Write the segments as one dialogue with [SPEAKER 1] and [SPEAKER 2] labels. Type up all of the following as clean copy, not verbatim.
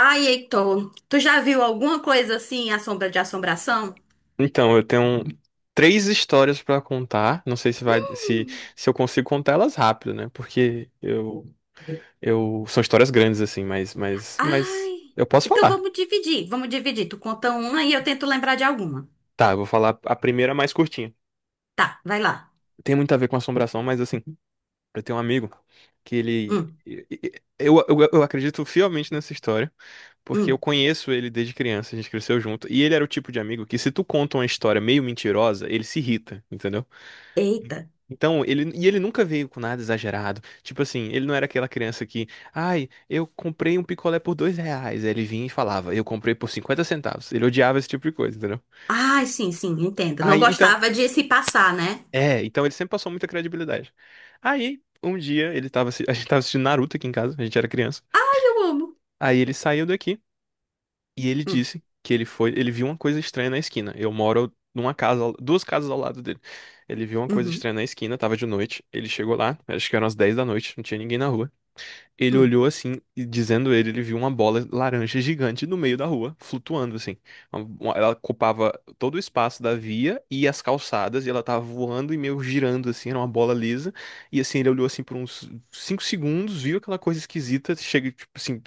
[SPEAKER 1] Ai, Heitor, tu já viu alguma coisa assim, a sombra de assombração?
[SPEAKER 2] Então, eu tenho três histórias pra contar. Não sei se vai, se,
[SPEAKER 1] Hum.
[SPEAKER 2] se eu consigo contar elas rápido, né? Porque eu são histórias grandes assim, mas
[SPEAKER 1] Ai,
[SPEAKER 2] eu posso
[SPEAKER 1] então
[SPEAKER 2] falar.
[SPEAKER 1] vamos dividir, vamos dividir. Tu conta uma e eu tento lembrar de alguma.
[SPEAKER 2] Tá, eu vou falar a primeira mais curtinha.
[SPEAKER 1] Tá, vai lá.
[SPEAKER 2] Tem muito a ver com assombração, mas assim, eu tenho um amigo que ele,
[SPEAKER 1] Hum,
[SPEAKER 2] eu acredito fielmente nessa história, porque eu
[SPEAKER 1] hum,
[SPEAKER 2] conheço ele desde criança, a gente cresceu junto, e ele era o tipo de amigo que se tu conta uma história meio mentirosa, ele se irrita, entendeu?
[SPEAKER 1] eita.
[SPEAKER 2] Então, e ele nunca veio com nada exagerado. Tipo assim, ele não era aquela criança que, ai, eu comprei um picolé por R$ 2. Aí ele vinha e falava, eu comprei por 50 centavos. Ele odiava esse tipo de coisa, entendeu?
[SPEAKER 1] Ai, sim, sim, entendo. Não
[SPEAKER 2] Aí, então,
[SPEAKER 1] gostava de se passar, né?
[SPEAKER 2] é, então ele sempre passou muita credibilidade. Aí, um dia, a gente tava assistindo Naruto aqui em casa, a gente era criança.
[SPEAKER 1] Ai, eu amo.
[SPEAKER 2] Aí ele saiu daqui e ele
[SPEAKER 1] Hum,
[SPEAKER 2] disse que ele viu uma coisa estranha na esquina. Eu moro numa casa, duas casas ao lado dele. Ele viu uma coisa
[SPEAKER 1] uhum,
[SPEAKER 2] estranha na esquina, tava de noite. Ele chegou lá, acho que eram as 10 da noite, não tinha ninguém na rua. Ele
[SPEAKER 1] hum.
[SPEAKER 2] olhou assim, e dizendo ele viu uma bola laranja gigante no meio da rua, flutuando assim. Ela ocupava todo o espaço da via e as calçadas, e ela tava voando e meio girando assim, era uma bola lisa. E assim, ele olhou assim por uns 5 segundos, viu aquela coisa esquisita, chega tipo assim,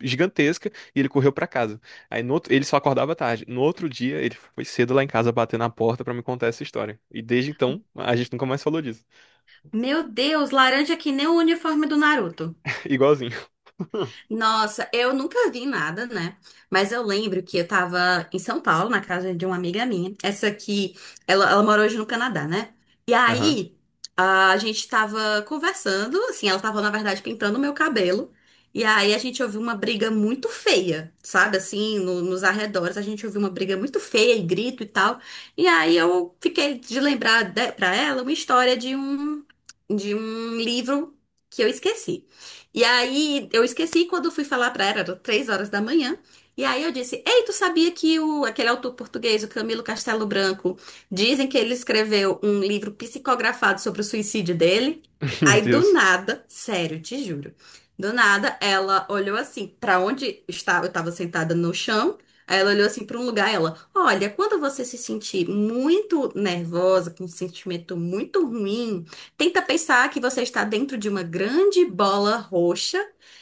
[SPEAKER 2] gigantesca, e ele correu pra casa. Aí no outro, ele só acordava tarde. No outro dia, ele foi cedo lá em casa bater na porta pra me contar essa história. E desde então, a gente nunca mais falou disso.
[SPEAKER 1] Meu Deus, laranja que nem o uniforme do Naruto.
[SPEAKER 2] Igualzinho.
[SPEAKER 1] Nossa, eu nunca vi nada, né? Mas eu lembro que eu tava em São Paulo, na casa de uma amiga minha. Essa aqui, ela mora hoje no Canadá, né? E
[SPEAKER 2] Aham.
[SPEAKER 1] aí, a gente tava conversando, assim, ela tava, na verdade, pintando o meu cabelo. E aí a gente ouviu uma briga muito feia, sabe? Assim, nos arredores, a gente ouviu uma briga muito feia e grito e tal. E aí eu fiquei de lembrar de, pra ela uma história de um livro que eu esqueci. E aí eu esqueci quando fui falar pra ela, era 3 horas da manhã. E aí eu disse: "Ei, tu sabia que o, aquele autor português, o Camilo Castelo Branco, dizem que ele escreveu um livro psicografado sobre o suicídio dele?"
[SPEAKER 2] Meu
[SPEAKER 1] Aí do
[SPEAKER 2] Deus.
[SPEAKER 1] nada, sério, te juro, do nada ela olhou assim pra onde estava, eu estava sentada no chão. Aí ela olhou assim pra um lugar, ela, olha, quando você se sentir muito nervosa, com um sentimento muito ruim, tenta pensar que você está dentro de uma grande bola roxa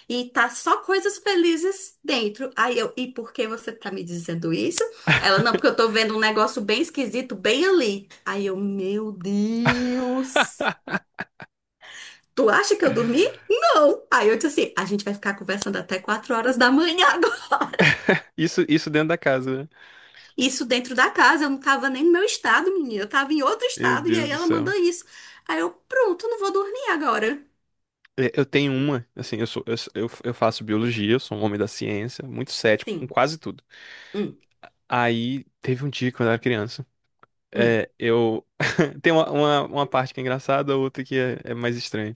[SPEAKER 1] e tá só coisas felizes dentro. Aí eu, e por que você tá me dizendo isso? Ela, não, porque eu tô vendo um negócio bem esquisito bem ali. Aí eu, meu Deus. Tu acha que eu dormi? Não. Aí eu disse assim, a gente vai ficar conversando até 4 horas da manhã agora.
[SPEAKER 2] Isso dentro da casa, né?
[SPEAKER 1] Isso dentro da casa, eu não tava nem no meu estado, menina. Eu tava em outro
[SPEAKER 2] Meu
[SPEAKER 1] estado e
[SPEAKER 2] Deus
[SPEAKER 1] aí
[SPEAKER 2] do
[SPEAKER 1] ela
[SPEAKER 2] céu.
[SPEAKER 1] manda isso. Aí eu, pronto, não vou dormir agora.
[SPEAKER 2] É, eu tenho uma, assim, eu faço biologia, eu sou um homem da ciência, muito cético com
[SPEAKER 1] Sim.
[SPEAKER 2] quase tudo.
[SPEAKER 1] Hum.
[SPEAKER 2] Aí teve um dia quando eu era criança,
[SPEAKER 1] Hum.
[SPEAKER 2] é, eu tem uma, parte que é engraçada, outra que é mais estranha.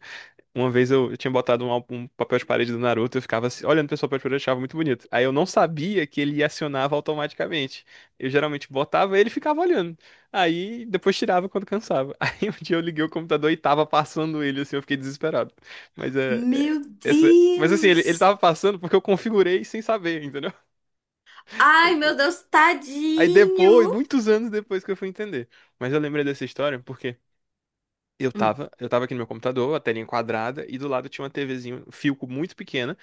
[SPEAKER 2] Uma vez eu tinha botado um papel de parede do Naruto, eu ficava assim, olhando pra esse papel de parede, eu achava muito bonito. Aí eu não sabia que ele acionava automaticamente. Eu geralmente botava e ele ficava olhando. Aí depois tirava quando cansava. Aí um dia eu liguei o computador e tava passando ele, assim, eu fiquei desesperado. Mas é. é-
[SPEAKER 1] Meu
[SPEAKER 2] Mas assim, ele
[SPEAKER 1] Deus!
[SPEAKER 2] tava passando porque eu configurei sem saber, entendeu?
[SPEAKER 1] Ai,
[SPEAKER 2] Mas,
[SPEAKER 1] meu
[SPEAKER 2] é,
[SPEAKER 1] Deus,
[SPEAKER 2] Aí depois,
[SPEAKER 1] tadinho!
[SPEAKER 2] muitos anos depois que eu fui entender. Mas eu lembrei dessa história porque. Eu
[SPEAKER 1] Hum,
[SPEAKER 2] tava, eu tava aqui no meu computador, a telinha quadrada, e do lado tinha uma TVzinha, Philco muito pequena,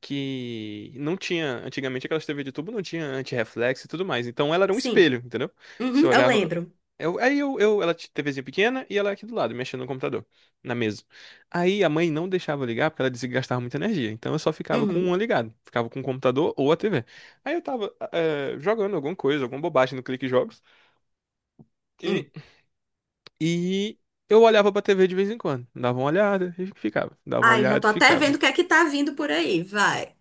[SPEAKER 2] que não tinha, antigamente aquelas TV de tubo não tinha antirreflexo e tudo mais, então ela era um
[SPEAKER 1] sim,
[SPEAKER 2] espelho, entendeu? Você
[SPEAKER 1] uhum, eu
[SPEAKER 2] olhava,
[SPEAKER 1] lembro.
[SPEAKER 2] eu, aí eu, ela tinha TVzinha pequena e ela aqui do lado, mexendo no computador, na mesa. Aí a mãe não deixava eu ligar porque ela dizia que gastava muita energia, então eu só ficava com
[SPEAKER 1] Uhum,
[SPEAKER 2] uma ligada, ficava com o computador ou a TV. Aí eu tava jogando alguma coisa, alguma bobagem no Clique Jogos, e
[SPEAKER 1] hum.
[SPEAKER 2] e eu olhava pra TV de vez em quando. Dava uma olhada e ficava. Dava uma
[SPEAKER 1] Ai, já
[SPEAKER 2] olhada
[SPEAKER 1] tô
[SPEAKER 2] e
[SPEAKER 1] até
[SPEAKER 2] ficava.
[SPEAKER 1] vendo o que é que tá vindo por aí, vai.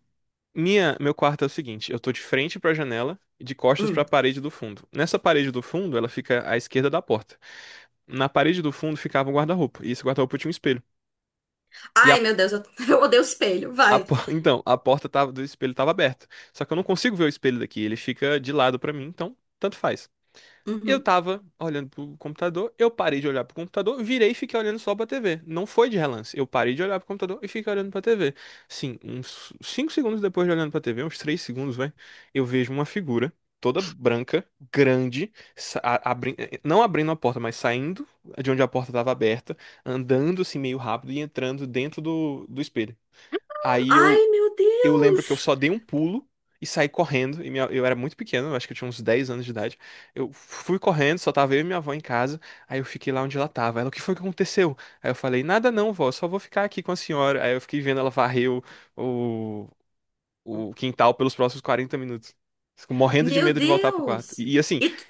[SPEAKER 2] Meu quarto é o seguinte, eu tô de frente pra janela e de costas pra
[SPEAKER 1] Hum.
[SPEAKER 2] parede do fundo. Nessa parede do fundo, ela fica à esquerda da porta. Na parede do fundo ficava um guarda-roupa, e esse guarda-roupa tinha um espelho. E a,
[SPEAKER 1] Ai, meu Deus, eu odeio espelho, vai.
[SPEAKER 2] então, a porta do espelho tava aberta. Só que eu não consigo ver o espelho daqui, ele fica de lado pra mim, então tanto faz. Eu
[SPEAKER 1] Uhum.
[SPEAKER 2] tava olhando pro computador, eu parei de olhar pro computador, virei e fiquei olhando só pra TV. Não foi de relance. Eu parei de olhar pro computador e fiquei olhando pra TV. Sim, uns 5 segundos depois de olhando pra TV, uns 3 segundos, vai, eu vejo uma figura toda branca, grande, não abrindo a porta, mas saindo de onde a porta tava aberta, andando assim meio rápido e entrando dentro do espelho. Aí eu
[SPEAKER 1] Ai, meu
[SPEAKER 2] eu lembro que eu
[SPEAKER 1] Deus!
[SPEAKER 2] só dei um pulo e saí correndo. Eu era muito pequeno, eu acho que eu tinha uns 10 anos de idade. Eu fui correndo, só tava eu e minha avó em casa. Aí eu fiquei lá onde ela tava. Ela, o que foi que aconteceu? Aí eu falei, nada não, vó, só vou ficar aqui com a senhora. Aí eu fiquei vendo ela varrer o, o quintal pelos próximos 40 minutos. Fico morrendo de
[SPEAKER 1] Meu
[SPEAKER 2] medo de voltar pro quarto.
[SPEAKER 1] Deus!
[SPEAKER 2] Assim,
[SPEAKER 1] E tu-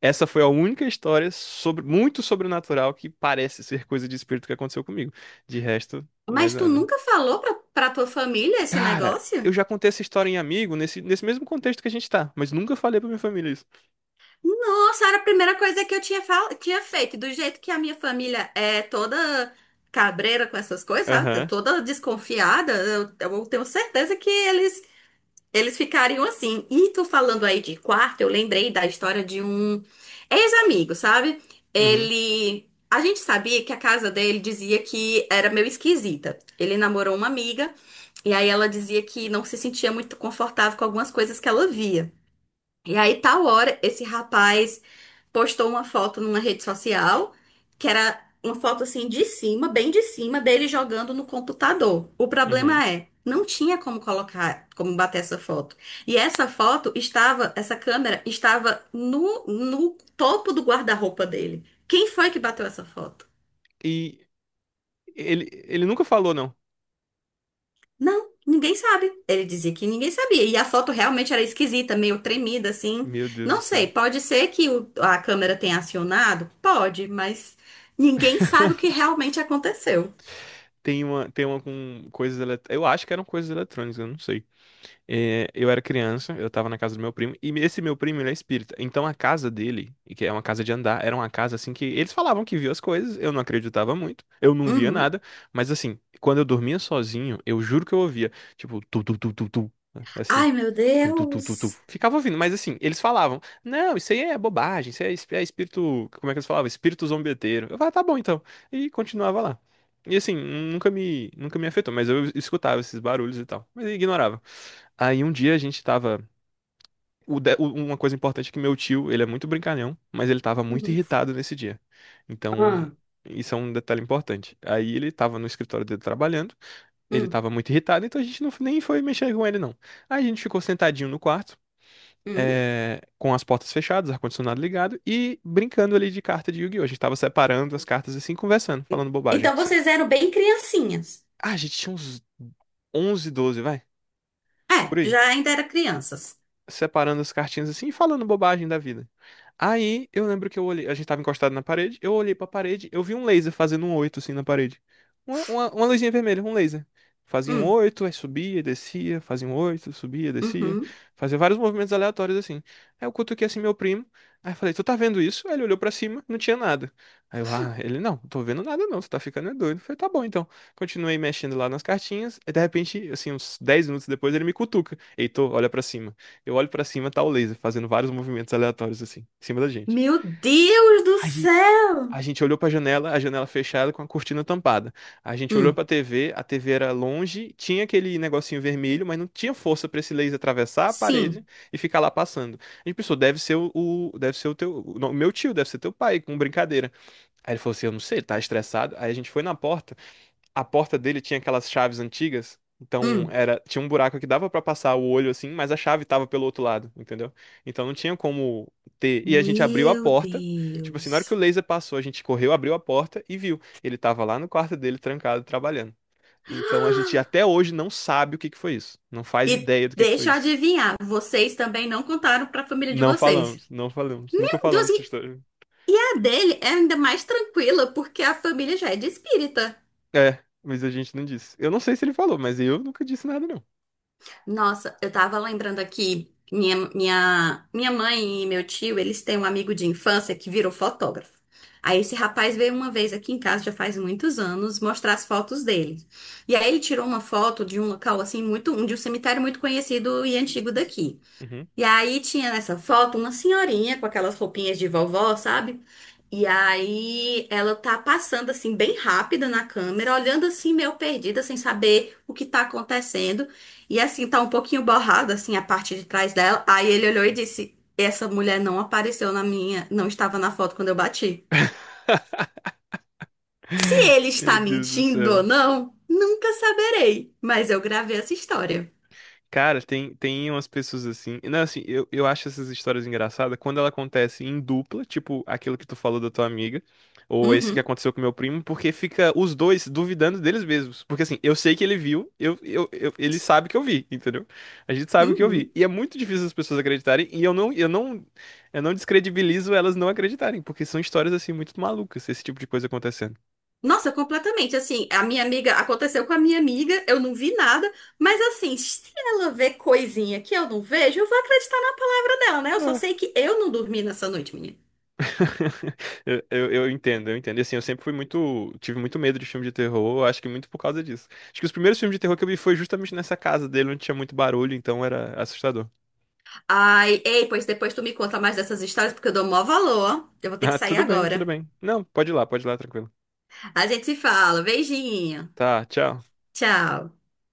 [SPEAKER 2] essa foi a única história sobre muito sobrenatural que parece ser coisa de espírito que aconteceu comigo. De resto, mais
[SPEAKER 1] mas tu
[SPEAKER 2] nada.
[SPEAKER 1] nunca falou pra tua família esse
[SPEAKER 2] Cara, eu
[SPEAKER 1] negócio?
[SPEAKER 2] já contei essa história em amigo, nesse mesmo contexto que a gente tá, mas nunca falei pra minha família isso.
[SPEAKER 1] Nossa, era a primeira coisa que eu tinha, tinha feito. Do jeito que a minha família é toda cabreira com essas coisas, sabe? Tá
[SPEAKER 2] Aham,
[SPEAKER 1] toda desconfiada, eu tenho certeza que eles ficariam assim. E tu falando aí de quarto, eu lembrei da história de um ex-amigo, sabe?
[SPEAKER 2] uhum,
[SPEAKER 1] Ele. A gente sabia que a casa dele dizia que era meio esquisita. Ele namorou uma amiga, e aí ela dizia que não se sentia muito confortável com algumas coisas que ela via. E aí, tal hora, esse rapaz postou uma foto numa rede social, que era uma foto assim de cima, bem de cima, dele jogando no computador. O
[SPEAKER 2] uhum.
[SPEAKER 1] problema é, não tinha como colocar, como bater essa foto. E essa foto estava, essa câmera estava no topo do guarda-roupa dele. Quem foi que bateu essa foto?
[SPEAKER 2] E ele nunca falou, não.
[SPEAKER 1] Não, ninguém sabe. Ele dizia que ninguém sabia. E a foto realmente era esquisita, meio tremida, assim.
[SPEAKER 2] Meu Deus do
[SPEAKER 1] Não sei,
[SPEAKER 2] céu.
[SPEAKER 1] pode ser que a câmera tenha acionado? Pode, mas ninguém sabe o que realmente aconteceu.
[SPEAKER 2] Tem uma com coisas eletrônicas. Eu acho que eram coisas eletrônicas, eu não sei. É, eu era criança, eu tava na casa do meu primo, e esse meu primo, ele é espírita. Então a casa dele, e que é uma casa de andar, era uma casa assim que eles falavam que viu as coisas, eu não acreditava muito, eu não via
[SPEAKER 1] Uhum.
[SPEAKER 2] nada, mas assim, quando eu dormia sozinho, eu juro que eu ouvia, tipo, tu, tu, tu, tu, tu, assim.
[SPEAKER 1] Ai, meu
[SPEAKER 2] Tu, tu, tu, tu, tu.
[SPEAKER 1] Deus.
[SPEAKER 2] Ficava ouvindo, mas assim, eles falavam: não, isso aí é bobagem, isso aí é espírito. Como é que eles falavam? Espírito zombeteiro. Eu falava, tá bom então. E continuava lá. E assim, nunca me afetou, mas eu escutava esses barulhos e tal. Mas eu ignorava. Aí um dia a gente tava. O de- o- Uma coisa importante é que meu tio, ele é muito brincalhão, mas ele tava muito
[SPEAKER 1] Uhum.
[SPEAKER 2] irritado nesse dia. Então,
[SPEAKER 1] Ah,
[SPEAKER 2] isso é um detalhe importante. Aí ele tava no escritório dele trabalhando, ele
[SPEAKER 1] hum,
[SPEAKER 2] tava muito irritado, então a gente não, nem foi mexer com ele, não. Aí a gente ficou sentadinho no quarto
[SPEAKER 1] hum.
[SPEAKER 2] com as portas fechadas, ar-condicionado ligado e brincando ali de carta de Yu-Gi-Oh! A gente tava separando as cartas assim, conversando, falando bobagem.
[SPEAKER 1] Então vocês eram bem criancinhas.
[SPEAKER 2] Ah, a gente tinha uns 11, 12, vai, por
[SPEAKER 1] É,
[SPEAKER 2] aí,
[SPEAKER 1] já ainda era crianças.
[SPEAKER 2] separando as cartinhas assim e falando bobagem da vida. Aí eu lembro que eu olhei, a gente tava encostado na parede, eu olhei pra parede, eu vi um laser fazendo um 8 assim na parede. Uma luzinha vermelha, um laser. Fazia um
[SPEAKER 1] Hum,
[SPEAKER 2] 8, aí subia, descia, fazia um 8, subia, descia.
[SPEAKER 1] uhum.
[SPEAKER 2] Fazia vários movimentos aleatórios assim. Aí eu cutuquei assim meu primo, aí eu falei, tu tá vendo isso? Aí ele olhou pra cima, não tinha nada. Aí eu, ah, ele, não, não tô vendo nada não, tu tá ficando é doido. Eu falei, tá bom então. Continuei mexendo lá nas cartinhas, e de repente, assim, uns 10 minutos depois ele me cutuca. Heitor, olha pra cima. Eu olho pra cima, tá o laser fazendo vários movimentos aleatórios assim, em cima da gente.
[SPEAKER 1] Meu Deus do
[SPEAKER 2] Aí
[SPEAKER 1] céu!
[SPEAKER 2] a gente olhou pra janela, a janela fechada com a cortina tampada. A gente olhou
[SPEAKER 1] Hum,
[SPEAKER 2] pra TV, a TV era longe, tinha aquele negocinho vermelho, mas não tinha força pra esse laser atravessar a parede
[SPEAKER 1] sim.
[SPEAKER 2] e ficar lá passando. A gente pensou, deve ser não, o meu tio, deve ser teu pai, com brincadeira. Aí ele falou assim, eu não sei, ele tá estressado. Aí a gente foi na porta, a porta dele tinha aquelas chaves antigas, então
[SPEAKER 1] Hum.
[SPEAKER 2] era tinha um buraco que dava pra passar o olho assim, mas a chave tava pelo outro lado, entendeu? Então não tinha como ter. E a gente abriu a
[SPEAKER 1] Meu
[SPEAKER 2] porta, tipo assim, na hora que o
[SPEAKER 1] Deus.
[SPEAKER 2] laser passou, a gente correu, abriu a porta e viu. Ele tava lá no quarto dele, trancado, trabalhando. Então a gente até hoje não sabe o que que foi isso. Não faz
[SPEAKER 1] E
[SPEAKER 2] ideia do que foi
[SPEAKER 1] deixa eu
[SPEAKER 2] isso.
[SPEAKER 1] adivinhar, vocês também não contaram pra família de
[SPEAKER 2] Não
[SPEAKER 1] vocês.
[SPEAKER 2] falamos, não falamos, nunca
[SPEAKER 1] Meu Deus,
[SPEAKER 2] falamos essa história.
[SPEAKER 1] e a dele é ainda mais tranquila, porque a família já é de espírita.
[SPEAKER 2] É, mas a gente não disse. Eu não sei se ele falou, mas eu nunca disse nada, não.
[SPEAKER 1] Nossa, eu tava lembrando aqui, minha mãe e meu tio, eles têm um amigo de infância que virou fotógrafo. Aí esse rapaz veio uma vez aqui em casa, já faz muitos anos, mostrar as fotos dele. E aí ele tirou uma foto de um local assim muito, um, de um cemitério muito conhecido e antigo daqui.
[SPEAKER 2] Uhum.
[SPEAKER 1] E aí tinha nessa foto uma senhorinha com aquelas roupinhas de vovó, sabe? E aí ela tá passando assim bem rápida na câmera, olhando assim meio perdida, sem saber o que tá acontecendo. E assim tá um pouquinho borrada assim a parte de trás dela. Aí ele olhou e disse: "Essa mulher não apareceu na minha, não estava na foto quando eu bati". Se ele
[SPEAKER 2] Meu
[SPEAKER 1] está
[SPEAKER 2] Deus do
[SPEAKER 1] mentindo ou
[SPEAKER 2] céu.
[SPEAKER 1] não, nunca saberei, mas eu gravei essa história.
[SPEAKER 2] Cara, tem umas pessoas assim. Não, assim, eu acho essas histórias engraçadas quando ela acontece em dupla, tipo aquilo que tu falou da tua amiga, ou esse que
[SPEAKER 1] Uhum,
[SPEAKER 2] aconteceu com meu primo, porque fica os dois duvidando deles mesmos. Porque assim, eu sei que ele viu, ele sabe que eu vi, entendeu? A gente sabe que eu vi.
[SPEAKER 1] uhum.
[SPEAKER 2] E é muito difícil as pessoas acreditarem, e eu não, descredibilizo elas não acreditarem, porque são histórias assim muito malucas, esse tipo de coisa acontecendo.
[SPEAKER 1] Nossa, completamente. Assim, a minha amiga, aconteceu com a minha amiga, eu não vi nada, mas assim, se ela vê coisinha que eu não vejo, eu vou acreditar na palavra dela, né? Eu só sei que eu não dormi nessa noite, menina.
[SPEAKER 2] Eu entendo, eu entendo. E assim, eu sempre fui muito. Tive muito medo de filme de terror, acho que muito por causa disso. Acho que os primeiros filmes de terror que eu vi foi justamente nessa casa dele, onde tinha muito barulho, então era assustador.
[SPEAKER 1] Ai, ei, pois depois tu me conta mais dessas histórias, porque eu dou maior valor. Ó. Eu vou ter que
[SPEAKER 2] Ah,
[SPEAKER 1] sair
[SPEAKER 2] tudo bem, tudo
[SPEAKER 1] agora.
[SPEAKER 2] bem. Não, pode ir lá, tranquilo.
[SPEAKER 1] A gente se fala. Beijinho.
[SPEAKER 2] Tá, tchau.
[SPEAKER 1] Tchau.